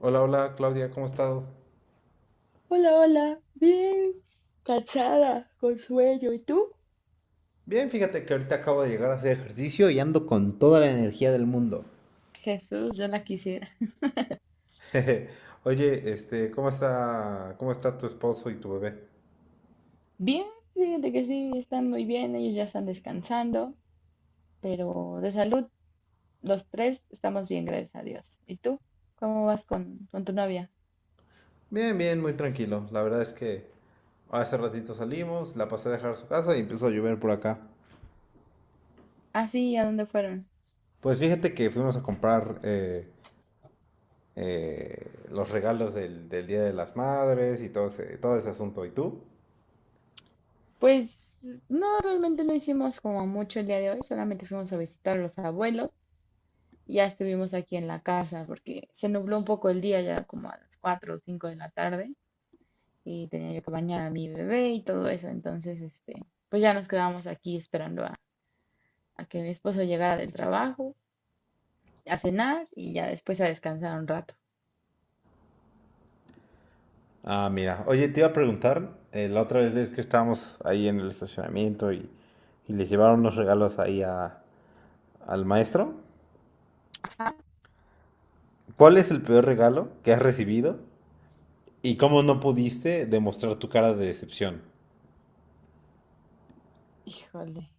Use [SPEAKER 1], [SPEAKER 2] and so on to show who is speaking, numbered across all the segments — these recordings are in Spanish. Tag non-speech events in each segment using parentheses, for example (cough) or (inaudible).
[SPEAKER 1] Hola, hola Claudia, ¿cómo has estado?
[SPEAKER 2] Hola, hola, bien cansada, con sueño. ¿Y tú?
[SPEAKER 1] Bien, fíjate que ahorita acabo de llegar a hacer ejercicio y ando con toda la energía del mundo.
[SPEAKER 2] Jesús, yo la quisiera.
[SPEAKER 1] (laughs) Jeje. Oye, ¿cómo está tu esposo y tu bebé?
[SPEAKER 2] Bien, fíjate que sí, están muy bien, ellos ya están descansando, pero de salud, los tres estamos bien, gracias a Dios. ¿Y tú? ¿Cómo vas con tu novia?
[SPEAKER 1] Bien, bien, muy tranquilo. La verdad es que hace ratito salimos, la pasé a dejar a su casa y empezó a llover por acá.
[SPEAKER 2] Ah, sí, ¿a dónde fueron?
[SPEAKER 1] Pues fíjate que fuimos a comprar los regalos del Día de las Madres y todo ese asunto. ¿Y tú?
[SPEAKER 2] Pues no, realmente no hicimos como mucho el día de hoy, solamente fuimos a visitar a los abuelos y ya estuvimos aquí en la casa porque se nubló un poco el día ya como a las 4 o 5 de la tarde y tenía yo que bañar a mi bebé y todo eso. Entonces, este, pues ya nos quedábamos aquí esperando a que mi esposo llegara del trabajo, a cenar y ya después a descansar un rato.
[SPEAKER 1] Ah, mira. Oye, te iba a preguntar, la otra vez ves que estábamos ahí en el estacionamiento y les llevaron los regalos ahí a- al maestro,
[SPEAKER 2] Ajá.
[SPEAKER 1] ¿cuál es el peor regalo que has recibido y cómo no pudiste demostrar tu cara de decepción?
[SPEAKER 2] Híjole,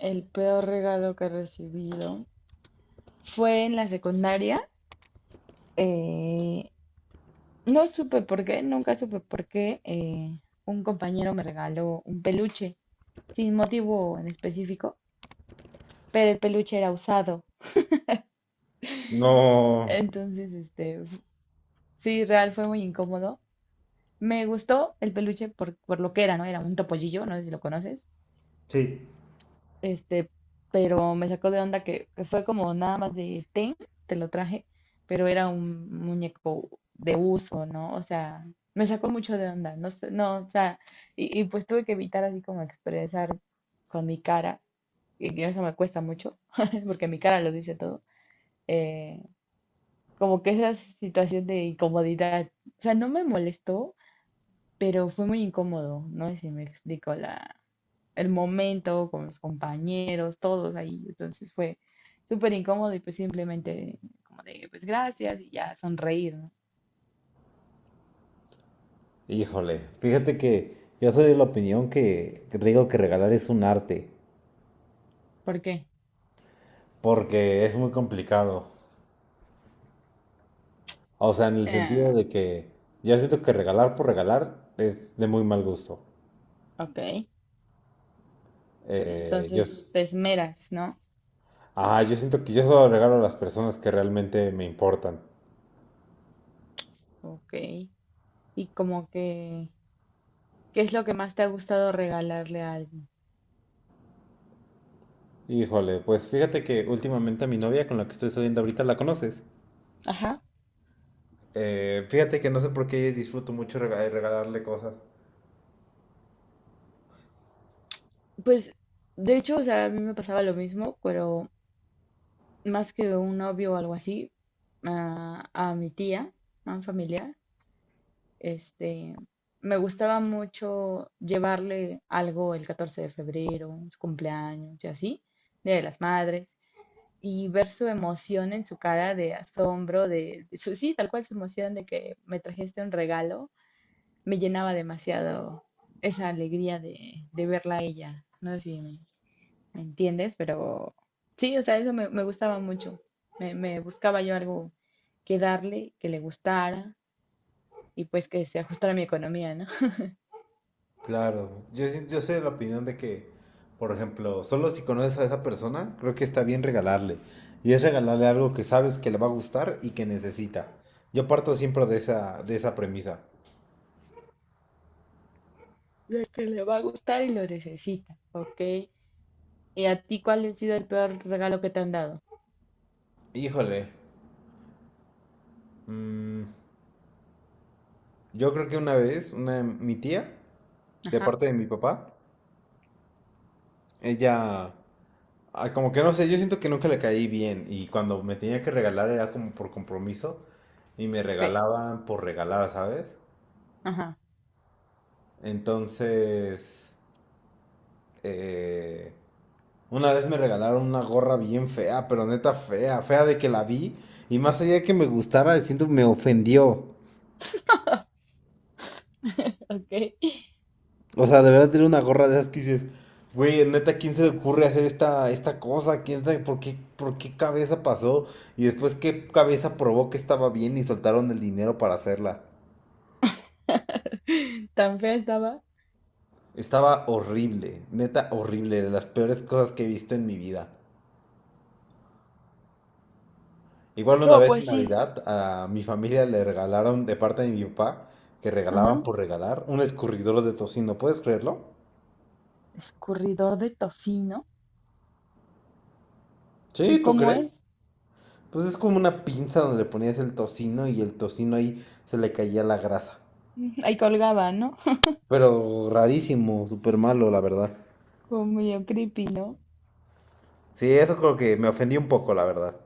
[SPEAKER 2] el peor regalo que he recibido fue en la secundaria. eh, no supe por qué, nunca supe por qué, un compañero me regaló un peluche sin motivo en específico, pero el peluche era usado.
[SPEAKER 1] No.
[SPEAKER 2] Entonces, este, sí, real fue muy incómodo. Me gustó el peluche por lo que era, ¿no? Era un topollillo, no sé si lo conoces.
[SPEAKER 1] Sí,
[SPEAKER 2] Este, pero me sacó de onda que fue como nada más de ten, te lo traje, pero era un muñeco de uso, ¿no? O sea, me sacó mucho de onda, no sé, no, o sea, y pues tuve que evitar así como expresar con mi cara, y que eso me cuesta mucho, (laughs) porque mi cara lo dice todo. eh, Como que esa situación de incomodidad, o sea, no me molestó, pero fue muy incómodo, no sé si me explico la, el momento con los compañeros, todos ahí, entonces fue súper incómodo y pues simplemente como de, pues gracias y ya sonreír, ¿no?
[SPEAKER 1] híjole, fíjate que yo soy de la opinión que digo que regalar es un arte,
[SPEAKER 2] ¿Por qué?
[SPEAKER 1] porque es muy complicado. O sea, en el sentido
[SPEAKER 2] Ah,
[SPEAKER 1] de que yo siento que regalar por regalar es de muy mal gusto.
[SPEAKER 2] ok,
[SPEAKER 1] Yo,
[SPEAKER 2] entonces
[SPEAKER 1] s-
[SPEAKER 2] te esmeras, ¿no?
[SPEAKER 1] Ah, yo siento que yo solo regalo a las personas que realmente me importan.
[SPEAKER 2] Ok, y como que, ¿qué es lo que más te ha gustado regalarle a alguien?
[SPEAKER 1] Híjole, pues fíjate que últimamente a mi novia con la que estoy saliendo ahorita la conoces.
[SPEAKER 2] Ajá,
[SPEAKER 1] Fíjate que no sé por qué disfruto mucho regalarle cosas.
[SPEAKER 2] pues de hecho, o sea, a mí me pasaba lo mismo, pero más que un novio o algo así, a mi tía, a un familiar, este, me gustaba mucho llevarle algo el 14 de febrero, su cumpleaños y así, Día de las Madres, y ver su emoción en su cara de asombro, de su, sí, tal cual su emoción de que me trajiste un regalo, me llenaba demasiado esa alegría de verla a ella. No sé si me ¿me entiendes? Pero sí, o sea, eso me gustaba mucho. Me buscaba yo algo que darle, que le gustara y pues que se ajustara a mi economía, ¿no? (laughs)
[SPEAKER 1] Claro, yo, sí- yo sé la opinión de que, por ejemplo, solo si conoces a esa persona, creo que está bien regalarle. Y es regalarle algo que sabes que le va a gustar y que necesita. Yo parto siempre de de esa premisa.
[SPEAKER 2] De que le va a gustar y lo necesita, ¿ok? ¿Y a ti cuál ha sido el peor regalo que te han dado?
[SPEAKER 1] Híjole, mm, yo creo que mi tía de
[SPEAKER 2] Ajá,
[SPEAKER 1] parte de mi papá, ella, como que no sé, yo siento que nunca le caí bien y cuando me tenía que regalar era como por compromiso y me
[SPEAKER 2] ok,
[SPEAKER 1] regalaban por regalar, ¿sabes?
[SPEAKER 2] ajá,
[SPEAKER 1] Entonces, eh, una vez me regalaron una gorra bien fea, pero neta fea, fea de que la vi y más allá de que me gustara, siento me ofendió.
[SPEAKER 2] (laughs) ok.
[SPEAKER 1] O sea, de verdad tiene una gorra de esas que dices, güey, neta, ¿quién se le ocurre hacer esta cosa? ¿Quién sabe por qué cabeza pasó? Y después, ¿qué cabeza probó que estaba bien y soltaron el dinero para hacerla?
[SPEAKER 2] (laughs) Tan fea estaba.
[SPEAKER 1] Estaba horrible, neta horrible, de las peores cosas que he visto en mi vida. Igual una
[SPEAKER 2] No,
[SPEAKER 1] vez
[SPEAKER 2] pues
[SPEAKER 1] en
[SPEAKER 2] sí.
[SPEAKER 1] Navidad a mi familia le regalaron de parte de mi papá, que regalaban
[SPEAKER 2] Ujú.
[SPEAKER 1] por regalar, un escurridor de tocino, ¿puedes creerlo?
[SPEAKER 2] Escurridor de tocino.
[SPEAKER 1] Sí,
[SPEAKER 2] ¿Y
[SPEAKER 1] ¿tú
[SPEAKER 2] cómo
[SPEAKER 1] crees?
[SPEAKER 2] es?
[SPEAKER 1] Pues es como una pinza donde le ponías el tocino y el tocino ahí se le caía la grasa.
[SPEAKER 2] (laughs) Ahí colgaba, ¿no?
[SPEAKER 1] Pero rarísimo, súper malo, la verdad.
[SPEAKER 2] (laughs) Como medio creepy, ¿no?
[SPEAKER 1] Sí, eso creo que me ofendí un poco, la verdad.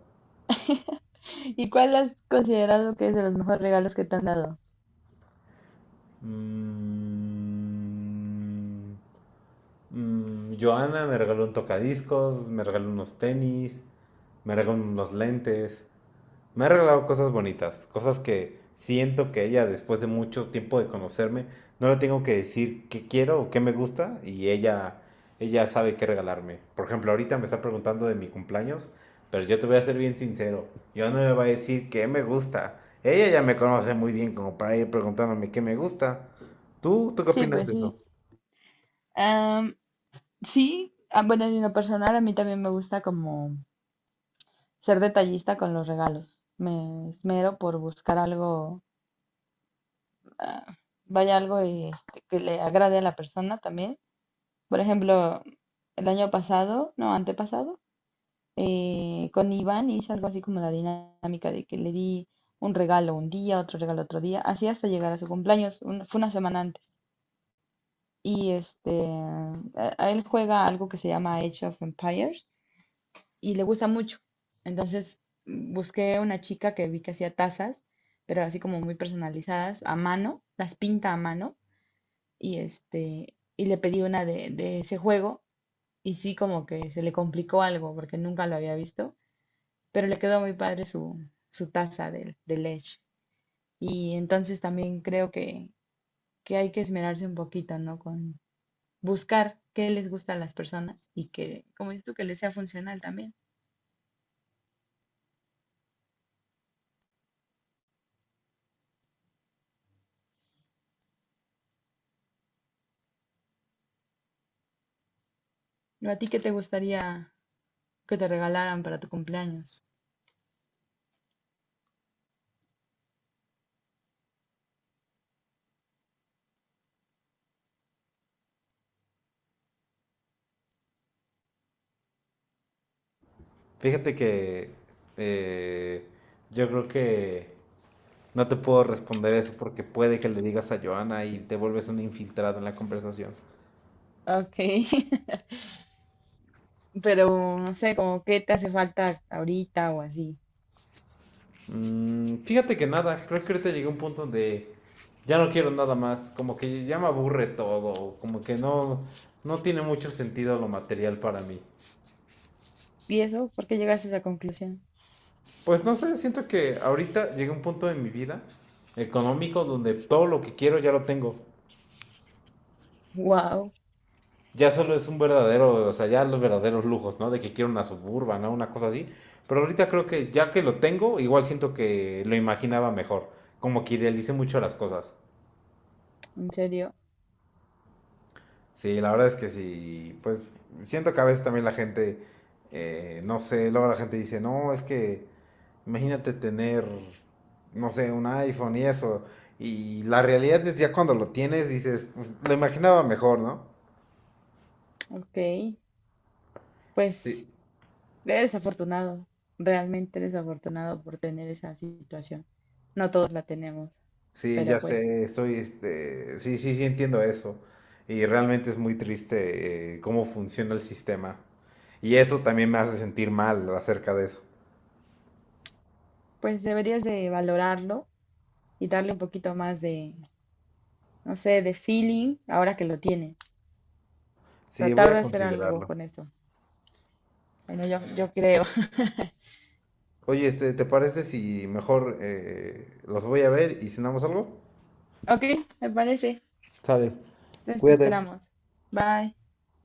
[SPEAKER 2] (laughs) ¿Y cuál has considerado que es de los mejores regalos que te han dado?
[SPEAKER 1] Mm, Joana me regaló un tocadiscos, me regaló unos tenis, me regaló unos lentes. Me ha regalado cosas bonitas, cosas que siento que ella, después de mucho tiempo de conocerme, no le tengo que decir qué quiero o qué me gusta ella sabe qué regalarme. Por ejemplo, ahorita me está preguntando de mi cumpleaños, pero yo te voy a ser bien sincero, yo no le voy a decir qué me gusta. Ella ya me conoce muy bien como para ir preguntándome qué me gusta. Tú qué
[SPEAKER 2] Sí,
[SPEAKER 1] opinas
[SPEAKER 2] pues
[SPEAKER 1] de
[SPEAKER 2] sí.
[SPEAKER 1] eso?
[SPEAKER 2] Am, sí, ah, bueno, en lo personal a mí también me gusta como ser detallista con los regalos. Me esmero por buscar algo, ah, vaya algo y, este, que le agrade a la persona también. Por ejemplo, el año pasado, no, antepasado, con Iván hice algo así como la dinámica de que le di un regalo un día, otro regalo otro día, así hasta llegar a su cumpleaños, fue una semana antes. Y este, a él juega algo que se llama Age of Empires y le gusta mucho. Entonces busqué una chica que vi que hacía tazas, pero así como muy personalizadas, a mano, las pinta a mano y este, y le pedí una de ese juego y sí como que se le complicó algo porque nunca lo había visto, pero le quedó muy padre su taza del Edge. Y entonces también creo que hay que esmerarse un poquito, ¿no? Con, buscar qué les gusta a las personas y que, como dices tú, que les sea funcional también. ¿A ti qué te gustaría que te regalaran para tu cumpleaños?
[SPEAKER 1] Fíjate que eh, yo creo que no te puedo responder eso porque puede que le digas a Johanna y te vuelves un infiltrado en la conversación.
[SPEAKER 2] Ok, (laughs) pero no sé, como qué te hace falta ahorita o así.
[SPEAKER 1] Fíjate que nada, creo que ahorita llegué a un punto donde ya no quiero nada más, como que ya me aburre todo, como que no, no tiene mucho sentido lo material para mí.
[SPEAKER 2] ¿Y eso? ¿Por qué llegaste a esa conclusión?
[SPEAKER 1] Pues no sé, siento que ahorita llegué a un punto en mi vida económico donde todo lo que quiero ya lo tengo.
[SPEAKER 2] Wow,
[SPEAKER 1] Ya solo es un verdadero, o sea, ya los verdaderos lujos, ¿no? De que quiero una suburban, ¿no? Una cosa así. Pero ahorita creo que ya que lo tengo, igual siento que lo imaginaba mejor. Como que idealicé mucho las cosas.
[SPEAKER 2] en serio.
[SPEAKER 1] Sí, la verdad es que sí, pues siento que a veces también no sé, luego la gente dice, no, es que imagínate tener, no sé, un iPhone y eso. Y la realidad es ya cuando lo tienes, dices, pues, lo imaginaba mejor, ¿no?
[SPEAKER 2] Ok,
[SPEAKER 1] Sí,
[SPEAKER 2] pues eres afortunado, realmente eres afortunado por tener esa situación. No todos la tenemos,
[SPEAKER 1] sí, ya
[SPEAKER 2] pero pues,
[SPEAKER 1] sé, estoy, sí, sí, sí entiendo eso. Y realmente es muy triste cómo funciona el sistema. Y eso también me hace sentir mal acerca de eso.
[SPEAKER 2] pues deberías de valorarlo y darle un poquito más de, no sé, de feeling, ahora que lo tienes.
[SPEAKER 1] Sí, voy
[SPEAKER 2] Tratar de
[SPEAKER 1] a
[SPEAKER 2] hacer algo
[SPEAKER 1] considerarlo.
[SPEAKER 2] con eso. Bueno, yo creo. (laughs)
[SPEAKER 1] Oye, ¿te parece si mejor los voy a ver y cenamos algo?
[SPEAKER 2] Ok, me parece.
[SPEAKER 1] Sale,
[SPEAKER 2] Entonces te
[SPEAKER 1] cuídate.
[SPEAKER 2] esperamos. Bye.